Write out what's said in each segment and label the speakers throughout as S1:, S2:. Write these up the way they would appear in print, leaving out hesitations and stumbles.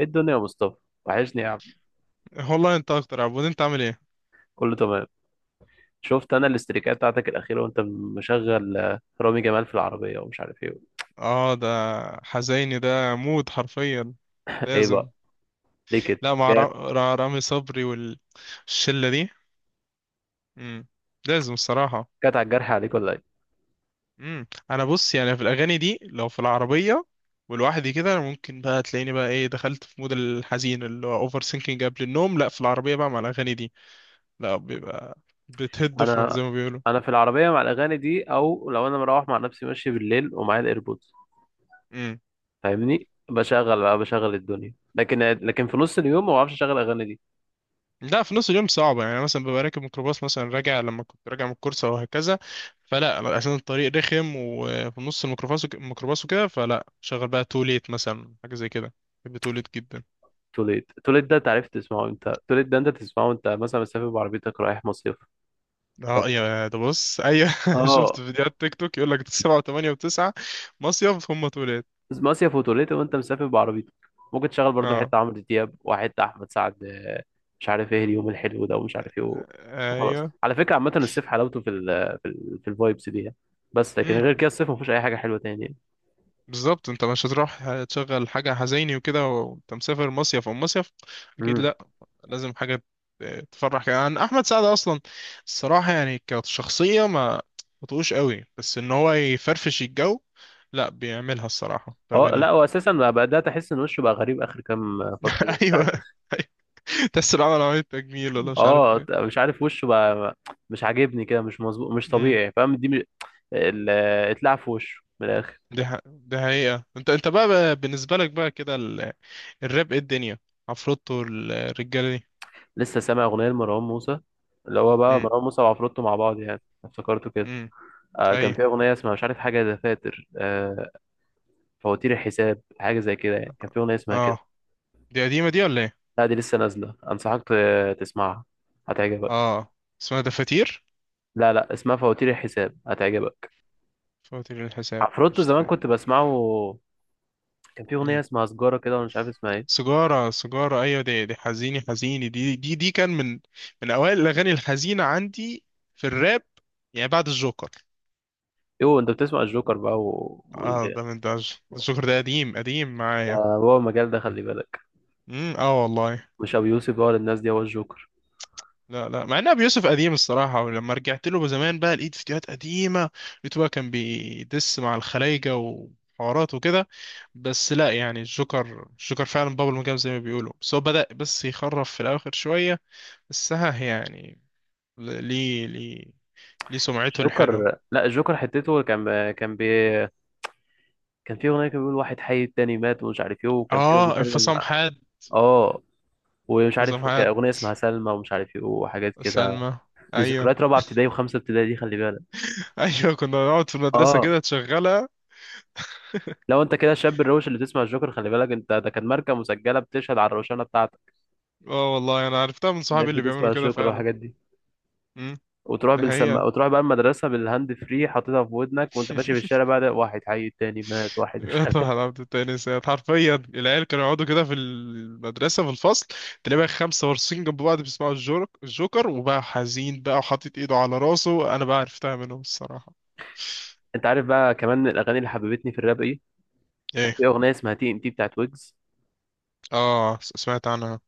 S1: ايه الدنيا يا مصطفى؟ وحشني يا عم.
S2: والله انت اكتر يا عبود، انت عامل ايه؟
S1: كله تمام. شفت انا الاستريكات بتاعتك الاخيره وانت مشغل رامي جمال في العربيه ومش عارف ايه.
S2: اه، ده حزيني ده موت حرفيا.
S1: ايه
S2: لازم.
S1: بقى؟ ليه كده
S2: لا، مع
S1: جات؟
S2: رامي صبري والشلة دي. امم لازم الصراحة.
S1: جات على الجرح عليك ولا ايه؟
S2: انا بص يعني في الاغاني دي لو في العربية ولوحدي كده، ممكن بقى تلاقيني بقى ايه، دخلت في مود الحزين اللي هو اوفر سينكينج قبل النوم. لا، في العربية بقى مع الاغاني دي لا بيبقى بتهد فرن
S1: انا
S2: زي ما بيقولوا.
S1: انا في العربيه مع الاغاني دي، او لو انا مروح مع نفسي ماشي بالليل ومعايا الايربودز، فاهمني، بشغل بقى بشغل الدنيا، لكن في نص اليوم ما بعرفش اشغل اغاني دي.
S2: لا، في نص اليوم صعبة يعني. أنا مثلا ببقى راكب ميكروباص مثلا راجع، لما كنت راجع من الكورس أو هكذا، فلا أنا عشان الطريق رخم وفي نص الميكروباص الميكروباص وكده، فلا شغل بقى توليت مثلا حاجة زي كده. بحب توليت جدا.
S1: توليت، توليت ده انت عرفت تسمعه، انت توليت ده انت تسمعه انت مثلا مسافر بعربيتك رايح مصيف.
S2: اه يا ده، بص، ايوه شفت
S1: اه،
S2: فيديوهات تيك توك يقول لك سبعة وثمانية وتسعة مصيف هم توليت.
S1: بس مصيف وتوليت وانت مسافر بعربيتك ممكن تشغل برضو
S2: اه.
S1: حتة عمرو دياب وحتة أحمد سعد، مش عارف ايه، اليوم الحلو ده ومش عارف ايه و- وخلاص.
S2: ايوه.
S1: على فكرة عامة الصيف حلاوته في الفايبس دي يعني. بس لكن
S2: امم
S1: غير كده الصيف مفيهوش أي حاجة حلوة تاني يعني.
S2: بالظبط، انت مش هتروح تشغل حاجة حزيني وكده وانت مسافر مصيف او مصيف.
S1: امم
S2: اكيد لازم حاجة تفرح. كمان احمد سعد اصلا الصراحة يعني كشخصية ما بطقوش قوي، بس ان هو يفرفش الجو لا بيعملها الصراحة في
S1: اه، لا
S2: اغانيه.
S1: هو أساسا بقى بدأت أحس إن وشه بقى غريب آخر كام فترة كده، مش عارف.
S2: ايوه. أيوة. تحس إنه عمل عملية تجميل ولا مش عارف
S1: اه،
S2: ايه.
S1: مش عارف وشه بقى. مش عاجبني كده، مش مظبوط مش
S2: امم
S1: طبيعي، فاهم، دي ال- اتلعب في وشه من الآخر.
S2: دي حقيقة. انت بقى، بالنسبة لك بقى كده الراب، ايه الدنيا؟ عفروتو الرجالة دي.
S1: لسه سامع اغنيه لمروان موسى، اللي هو بقى
S2: امم
S1: مروان موسى وعفروتو مع بعض، يعني افتكرته كده.
S2: امم اي.
S1: كان في اغنيه اسمها مش عارف، حاجه دفاتر، فواتير الحساب، حاجه زي كده يعني، كان في اغنيه اسمها كده.
S2: اه. دي قديمة دي ولا ايه؟
S1: لا، دي لسه نازله، انصحك تسمعها، هتعجبك.
S2: اه، اسمها دفاتير.
S1: لا، لا، اسمها فواتير الحساب، هتعجبك.
S2: فواتير الحساب،
S1: عفروتو زمان
S2: قشطة.
S1: كنت بسمعه. كان في اغنيه اسمها سجاره كده وانا مش عارف اسمها ايه.
S2: سجارة، سجارة، أيوة، دي دي حزيني، حزيني دي كان من من أوائل الأغاني الحزينة عندي في الراب، يعني بعد الجوكر.
S1: يو، انت بتسمع الجوكر بقى
S2: اه، ده من ده ده الجوكر ده قديم، قديم معايا.
S1: هو المجال ده، خلي بالك.
S2: اه والله.
S1: مش ابو يوسف بقى ولا الناس دي، هو الجوكر.
S2: لا لا، مع ان ابو يوسف قديم الصراحه، ولما رجعت له زمان بقى لقيت فيديوهات قديمه، لقيته بقى كان بيدس مع الخلايجه وحوارات وكده. بس لا يعني الجوكر الجوكر فعلا بابل مجام زي ما بيقولوا، بس هو بدأ بس يخرف في الاخر شويه. بس ها يعني ليه، ليه سمعته
S1: الجوكر،
S2: الحلوة.
S1: لا الجوكر حتته كان في اغنيه، كان بيقول واحد حي التاني مات ومش عارف ايه، وكان في
S2: اه،
S1: بيتكلم
S2: انفصام
S1: مع-
S2: حاد.
S1: اه، ومش
S2: انفصام
S1: عارف، كان
S2: حاد.
S1: اغنيه اسمها سلمى ومش عارف ايه وحاجات كده.
S2: سلمى.
S1: دي
S2: ايوه.
S1: ذكريات رابعه ابتدائي وخمسه ابتدائي دي، خلي بالك.
S2: ايوه، كنا نقعد في المدرسة
S1: اه،
S2: كده تشغلها.
S1: لو انت كده الشاب الروش اللي بتسمع الجوكر، خلي بالك انت، ده كان ماركه مسجله بتشهد على الروشنه بتاعتك
S2: اه والله، انا عرفتها من
S1: انك
S2: صحابي اللي
S1: بتسمع
S2: بيعملوا كده
S1: الجوكر
S2: فعلا.
S1: والحاجات دي،
S2: امم
S1: وتروح
S2: ده
S1: بالسما
S2: هي.
S1: وتروح بقى المدرسه بالهاند فري، حاططها في ودنك وانت ماشي في الشارع بقى، ده واحد حي التاني مات، واحد مش عارف.
S2: طبعا عبد التاني سيد. حرفيا العيال كانوا يقعدوا كده في المدرسة في الفصل، تلاقي بقى خمسة وارصين جنب بعض بيسمعوا الجورك الجوكر وبقى حزين بقى وحاطط ايده على راسه. انا بقى عرفتها منهم الصراحة.
S1: انت عارف بقى كمان الاغاني اللي حببتني في الراب ايه؟ كان
S2: ايه.
S1: في اغنيه اسمها TNT بتاعت ويجز،
S2: اه، سمعت عنها.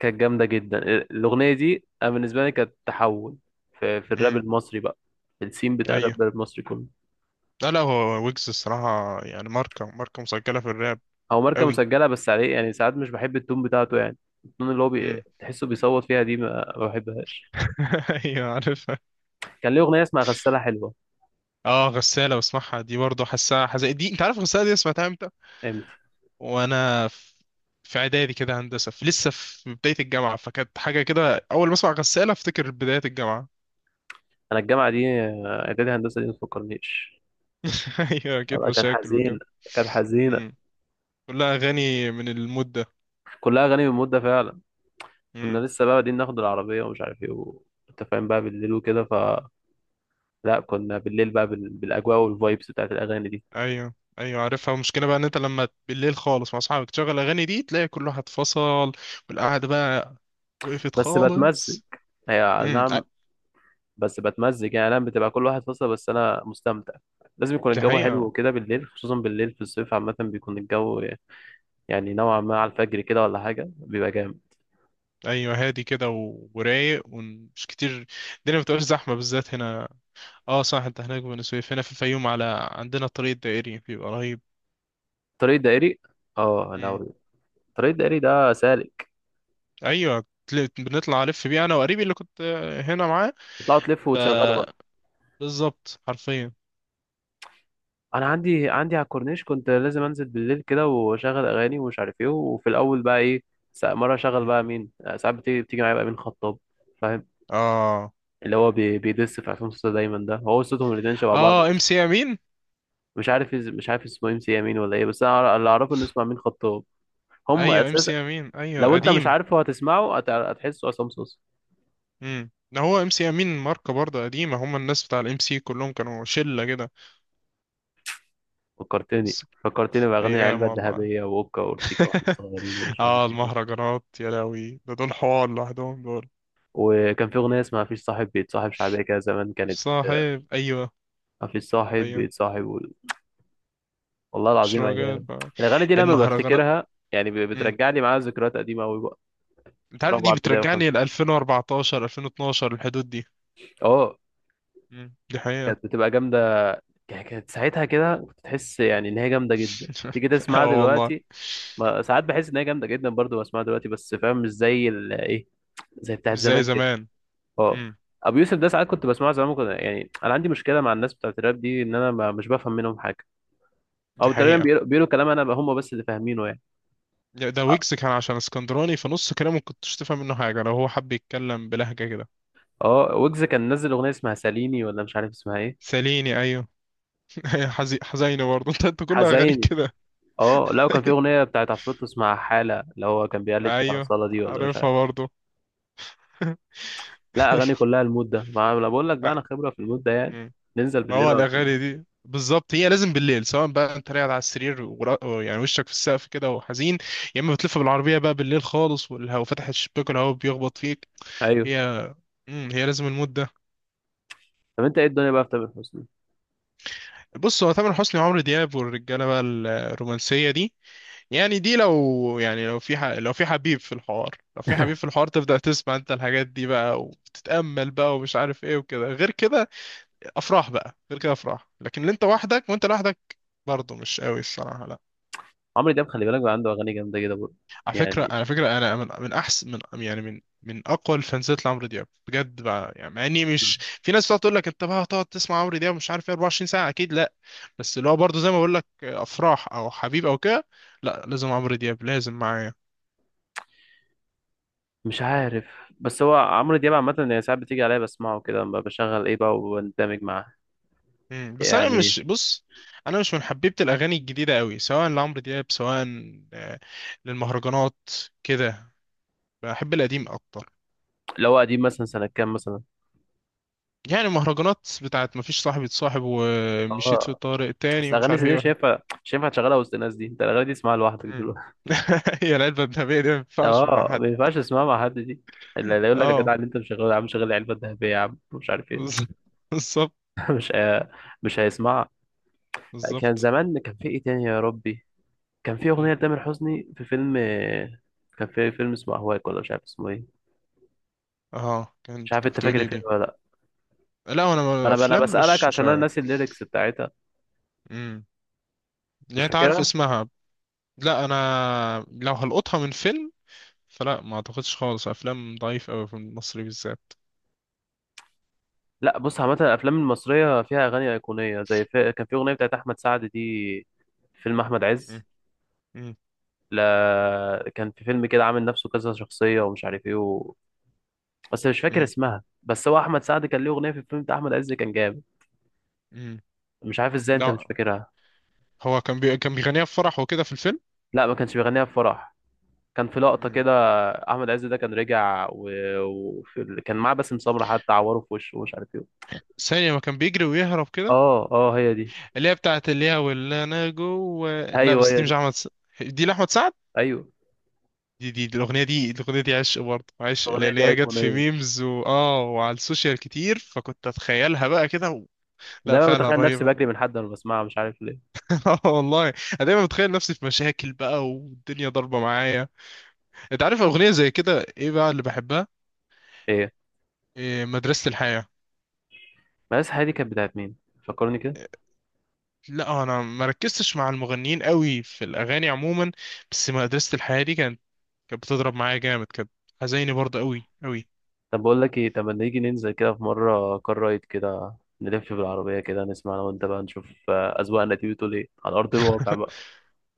S1: كانت جامدة جدا. الأغنية دي أنا بالنسبة لي كانت تحول في الراب
S2: امم
S1: المصري بقى، في السين بتاع
S2: ايوه.
S1: الراب المصري كله.
S2: لا لا، هو ويجز الصراحة يعني ماركة مسجلة في الراب.
S1: هو ماركة
S2: قوي.
S1: مسجلة بس عليه، يعني ساعات مش بحب التون بتاعته يعني. التون اللي هو
S2: امم
S1: تحسه بيصوت فيها دي ما بحبهاش.
S2: ايوه عارفها.
S1: كان ليه أغنية اسمها غسالة حلوة.
S2: اه، غسالة بسمعها دي برضه، حاسها حزق دي. انت عارف غسالة دي سمعتها امتى؟
S1: امتى؟
S2: وانا في في اعدادي كده، هندسة، في لسه في بداية الجامعة، فكانت حاجة كده، اول ما اسمع غسالة افتكر بداية الجامعة.
S1: أنا الجامعة دي، إعدادي هندسة دي ما تفكرنيش.
S2: ايوه اكيد،
S1: كانت
S2: مشاكل
S1: حزينة،
S2: وكده.
S1: كانت حزينة.
S2: امم كلها اغاني من المود ده.
S1: كلها أغاني من مدة فعلا. كنا
S2: امم
S1: لسه بقى بادئين ناخد العربية ومش عارف إيه أنت فاهم بقى، بالليل وكده، لا كنا بالليل بقى بالأجواء والفايبس بتاعت الأغاني دي.
S2: ايوه، ايوه عارفها. المشكلة بقى ان انت لما بالليل خالص مع اصحابك تشغل الاغاني دي تلاقي كل واحد فصل والقعدة بقى وقفت
S1: بس بتمزج،
S2: خالص.
S1: هي،
S2: امم أ-
S1: نعم. بس بتمزج يعني، انا بتبقى كل واحد فصل بس انا مستمتع. لازم يكون
S2: دي
S1: الجو حلو
S2: حقيقة.
S1: وكده، بالليل خصوصا، بالليل في الصيف عامة بيكون الجو يعني نوعا ما على الفجر كده ولا حاجة بيبقى جامد.
S2: ايوه هادي كده ورايق ومش كتير، الدنيا ما بتبقاش زحمه بالذات هنا. اه صح، انت هناك في بني سويف، هنا في الفيوم على عندنا الطريق الدائري بيبقى رهيب.
S1: طريق دائري؟ اه،
S2: امم
S1: لو طريق دائري ده سالك
S2: ايوه، بنطلع الف بيه انا وقريبي اللي كنت هنا معاه،
S1: تطلعوا تلفوا
S2: ف
S1: وتشغلوا بقى.
S2: بالظبط حرفيا.
S1: انا عندي على الكورنيش، كنت لازم انزل بالليل كده واشغل اغاني ومش عارف ايه، وفي الاول بقى ايه، مرة اشغل
S2: مم.
S1: بقى مين، ساعات بتيجي معايا بقى مين خطاب. فاهم،
S2: اه.
S1: اللي هو بيدس في عصام صوصة دايما، ده هو صوتهم الاتنين شبه بعض
S2: اه، ام
S1: اصلا.
S2: سي امين.
S1: مش عارف اسمه ام سي امين ولا ايه، بس اللي اعرفه انه اسمه امين خطاب هم
S2: ايوه ام
S1: اساسا.
S2: سي امين، ايوه
S1: لو انت مش
S2: قديم.
S1: عارفه هتسمعه، هتحسه عصام صوصة.
S2: ده هو ام سي امين، ماركه برضه قديمه. هم الناس بتاع الام سي كلهم كانوا شله كده
S1: فكرتني
S2: بس.
S1: فكرتني باغاني
S2: ايام
S1: العلبه
S2: والله.
S1: الذهبيه واوكا واورتيكا، واحنا صغيرين ومش عارف
S2: اه،
S1: ايه.
S2: المهرجانات يا لهوي، ده دول حوار لوحدهم دول.
S1: وكان في اغنيه اسمها مفيش صاحب بيتصاحب، شعبيه كده زمان كانت،
S2: صاحب، ايوه.
S1: مفيش صاحب
S2: ايوه.
S1: بيتصاحب والله
S2: مش
S1: العظيم
S2: راجل،
S1: ايام. الاغاني دي لما
S2: المهرجانات.
S1: بفتكرها يعني ب-
S2: امم
S1: بترجعني معايا ذكريات قديمه قوي بقى.
S2: انت عارف دي
S1: رابعه ابتدائي
S2: بترجعني ل
S1: وخمسه.
S2: 2014 2012 الحدود دي.
S1: اه،
S2: دي حقيقة.
S1: كانت بتبقى جامدة. كانت ساعتها كده كنت تحس يعني إن هي جامدة جدا تيجي
S2: اه
S1: تسمعها
S2: والله.
S1: دلوقتي. ما ساعات بحس إن هي جامدة جدا برضه بسمعها دلوقتي، بس فاهم، مش زي إيه، زي بتاعت
S2: مش زي
S1: زمان كده.
S2: زمان.
S1: أه.
S2: امم
S1: أبو يوسف ده ساعات كنت بسمعه زمان، كنت يعني أنا عندي مشكلة مع الناس بتاعت الراب دي، إن أنا ما مش بفهم منهم حاجة.
S2: دي
S1: أو تقريبا
S2: حقيقة.
S1: بيقولوا كلام أنا هم بس اللي فاهمينه يعني.
S2: ده ده
S1: أه.
S2: ويجز كان عشان اسكندراني، فنص كلامه ما كنتش تفهم منه حاجة لو هو حب يتكلم بلهجة كده.
S1: ويجز كان نزل أغنية اسمها ساليني ولا مش عارف اسمها إيه.
S2: ساليني، ايوه. حزينة برضه. انت كل اغانيك
S1: حزيني.
S2: كده.
S1: أه، لا، وكان في أغنية بتاعت عفروتو اسمها حالة، اللي هو كان بيقلد فيها
S2: ايوه،
S1: أصالة دي ولا مش عارف.
S2: عارفها برضه.
S1: لا، اغاني كلها المود ده، ما انا بقول لك بقى،
S2: آه،
S1: انا خبره في المود ده يعني.
S2: مم.
S1: ننزل
S2: ما هو
S1: بالليل على طول.
S2: الأغاني دي بالظبط هي لازم بالليل، سواء بقى انت قاعد على السرير يعني وشك في السقف كده وحزين، يا اما بتلف بالعربية بقى بالليل خالص والهواء، فتح الشباك والهواء بيخبط فيك.
S1: ايوه.
S2: هي، مم. هي لازم المود ده.
S1: طب انت ايه الدنيا بقى في تامر حسني؟
S2: بص، هو تامر حسني وعمرو دياب والرجالة بقى الرومانسية دي، يعني دي لو يعني لو في لو في حبيب في الحوار، لو في حبيب في الحوار تبدأ تسمع انت الحاجات دي بقى، وتتأمل بقى ومش عارف ايه وكده. غير كده افراح بقى. غير كده افراح. لكن اللي انت وحدك وانت لوحدك برضه مش قوي الصراحه، لا.
S1: عمرو دياب خلي بالك بقى، عنده اغاني جامده كده برضه
S2: على فكره،
S1: يعني.
S2: على فكره، انا من احسن من يعني من اقوى الفانزات لعمرو دياب بجد بقى، يعني مع اني مش، في ناس بتقعد تقول لك انت بقى هتقعد تسمع عمرو دياب مش عارف ايه 24 ساعه، اكيد لا. بس اللي هو برضه زي ما بقول لك افراح او حبيب او كده، لا لازم عمرو دياب لازم معايا.
S1: مش عارف، بس هو عمرو دياب عامه يعني ساعات بتيجي عليا بسمعه كده لما بشغل ايه بقى وبندمج معاه
S2: بس انا
S1: يعني.
S2: مش بص انا مش من حبيبه الاغاني الجديده قوي، سواء لعمرو دياب سواء آه، للمهرجانات كده. بحب القديم اكتر.
S1: لو قديم مثلا سنه كام مثلا؟
S2: يعني مهرجانات بتاعت مفيش صاحب يتصاحب ومشيت في
S1: اه،
S2: طارق
S1: بس
S2: تاني ومش
S1: اغاني
S2: عارف
S1: زي دي
S2: ايه
S1: مش
S2: ولا.
S1: هينفع، مش هينفع تشغلها وسط الناس دي، انت الاغاني دي تسمعها لوحدك
S2: مم.
S1: دلوقتي.
S2: هي العلبة الذهبية دي ما ينفعش مع
S1: اه،
S2: حد.
S1: ما ينفعش تسمعها مع حد دي. اللي يقول لك يا
S2: اه.
S1: جدع اللي انت مشغله يا عم، شغل العلبه الذهبيه يا عم، مش عارف ايه.
S2: بز- بالظبط.
S1: مش هي- مش هيسمعها. كان
S2: بالظبط.
S1: زمان، كان في ايه تاني يا ربي؟ كان في اغنيه
S2: مم.
S1: لتامر حسني في فيلم. كان في فيلم اسمه اهواك ولا مش عارف اسمه ايه.
S2: اه،
S1: مش
S2: كانت
S1: عارف،
S2: كانت
S1: انت فاكر
S2: بتقولي
S1: الفيلم
S2: دي.
S1: ولا لا؟
S2: لا انا
S1: انا
S2: افلام
S1: بسالك
S2: مش
S1: عشان انا
S2: عارف.
S1: ناسي الليركس بتاعتها.
S2: مم.
S1: مش
S2: يعني انت عارف
S1: فاكرها.
S2: اسمها؟ لا، انا لو هلقطها من فيلم فلا، ما اعتقدش خالص، افلام ضعيف قوي في المصري بالذات.
S1: لا، بص عامه الافلام المصريه فيها اغاني ايقونيه زي كان في اغنيه بتاعت احمد سعد دي في فيلم احمد عز.
S2: مم. مم.
S1: لا، كان في فيلم كده عامل نفسه كذا شخصيه ومش عارف ايه بس مش فاكر
S2: مم.
S1: اسمها، بس هو احمد سعد كان ليه اغنيه في الفيلم بتاع احمد عز، كان جامد.
S2: مم.
S1: مش عارف ازاي انت مش
S2: لا،
S1: فاكرها.
S2: هو كان كان بيغنيها في فرح وكده في الفيلم.
S1: لا، ما كانش بيغنيها في فرح، كان في لقطة كده، أحمد عز ده كان رجع كان معاه باسم سمرة، حتى عوره في وشه ومش عارف إيه.
S2: ثانية، ما كان بيجري ويهرب كده،
S1: أه، أه، هي دي.
S2: اللي هي بتاعت اللي هي واللي انا جوه. لا
S1: أيوه،
S2: بس
S1: هي
S2: دي مش
S1: دي.
S2: دي لاحمد سعد.
S1: أيوه.
S2: دي، الاغنية دي عشق برضه، عشق،
S1: الأغنية
S2: لان
S1: دي
S2: هي جت في
S1: أيقونية،
S2: ميمز و... اه، وعلى السوشيال كتير، فكنت اتخيلها بقى كده و... لا،
S1: دايما
S2: فعلا
S1: بتخيل نفسي
S2: رهيبة.
S1: بجري من حد وأنا بسمعها، مش عارف ليه.
S2: اه والله انا دايما بتخيل نفسي في مشاكل بقى والدنيا ضاربة معايا. انت عارف اغنية زي كده ايه بقى اللي بحبها؟
S1: إيه؟
S2: إيه؟ مدرسة الحياة.
S1: بس هي دي كانت بتاعت مين؟ فكرني كده.
S2: لا انا ما ركزتش مع المغنيين قوي في الاغاني عموما، بس مدرسة الحياة دي كانت بتضرب معايا جامد، كانت حزيني برضه قوي قوي.
S1: طب بقول لك إيه؟ طب ما نيجي ننزل كده في مرة كار رايد كده، نلف بالعربية كده، نسمع أنا وأنت بقى، نشوف أذواقنا دي بتقول إيه على أرض الواقع بقى.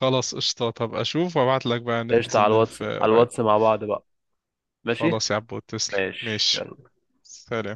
S2: خلاص قشطة، طب اشوف وابعت لك بقى
S1: قشطة،
S2: ننزل
S1: على الواتس،
S2: نلف،
S1: على
S2: قريب.
S1: الواتس مع بعض بقى. ماشي؟
S2: خلاص يا عبود، تسلم، ماشي.
S1: ماشي.
S2: سلام.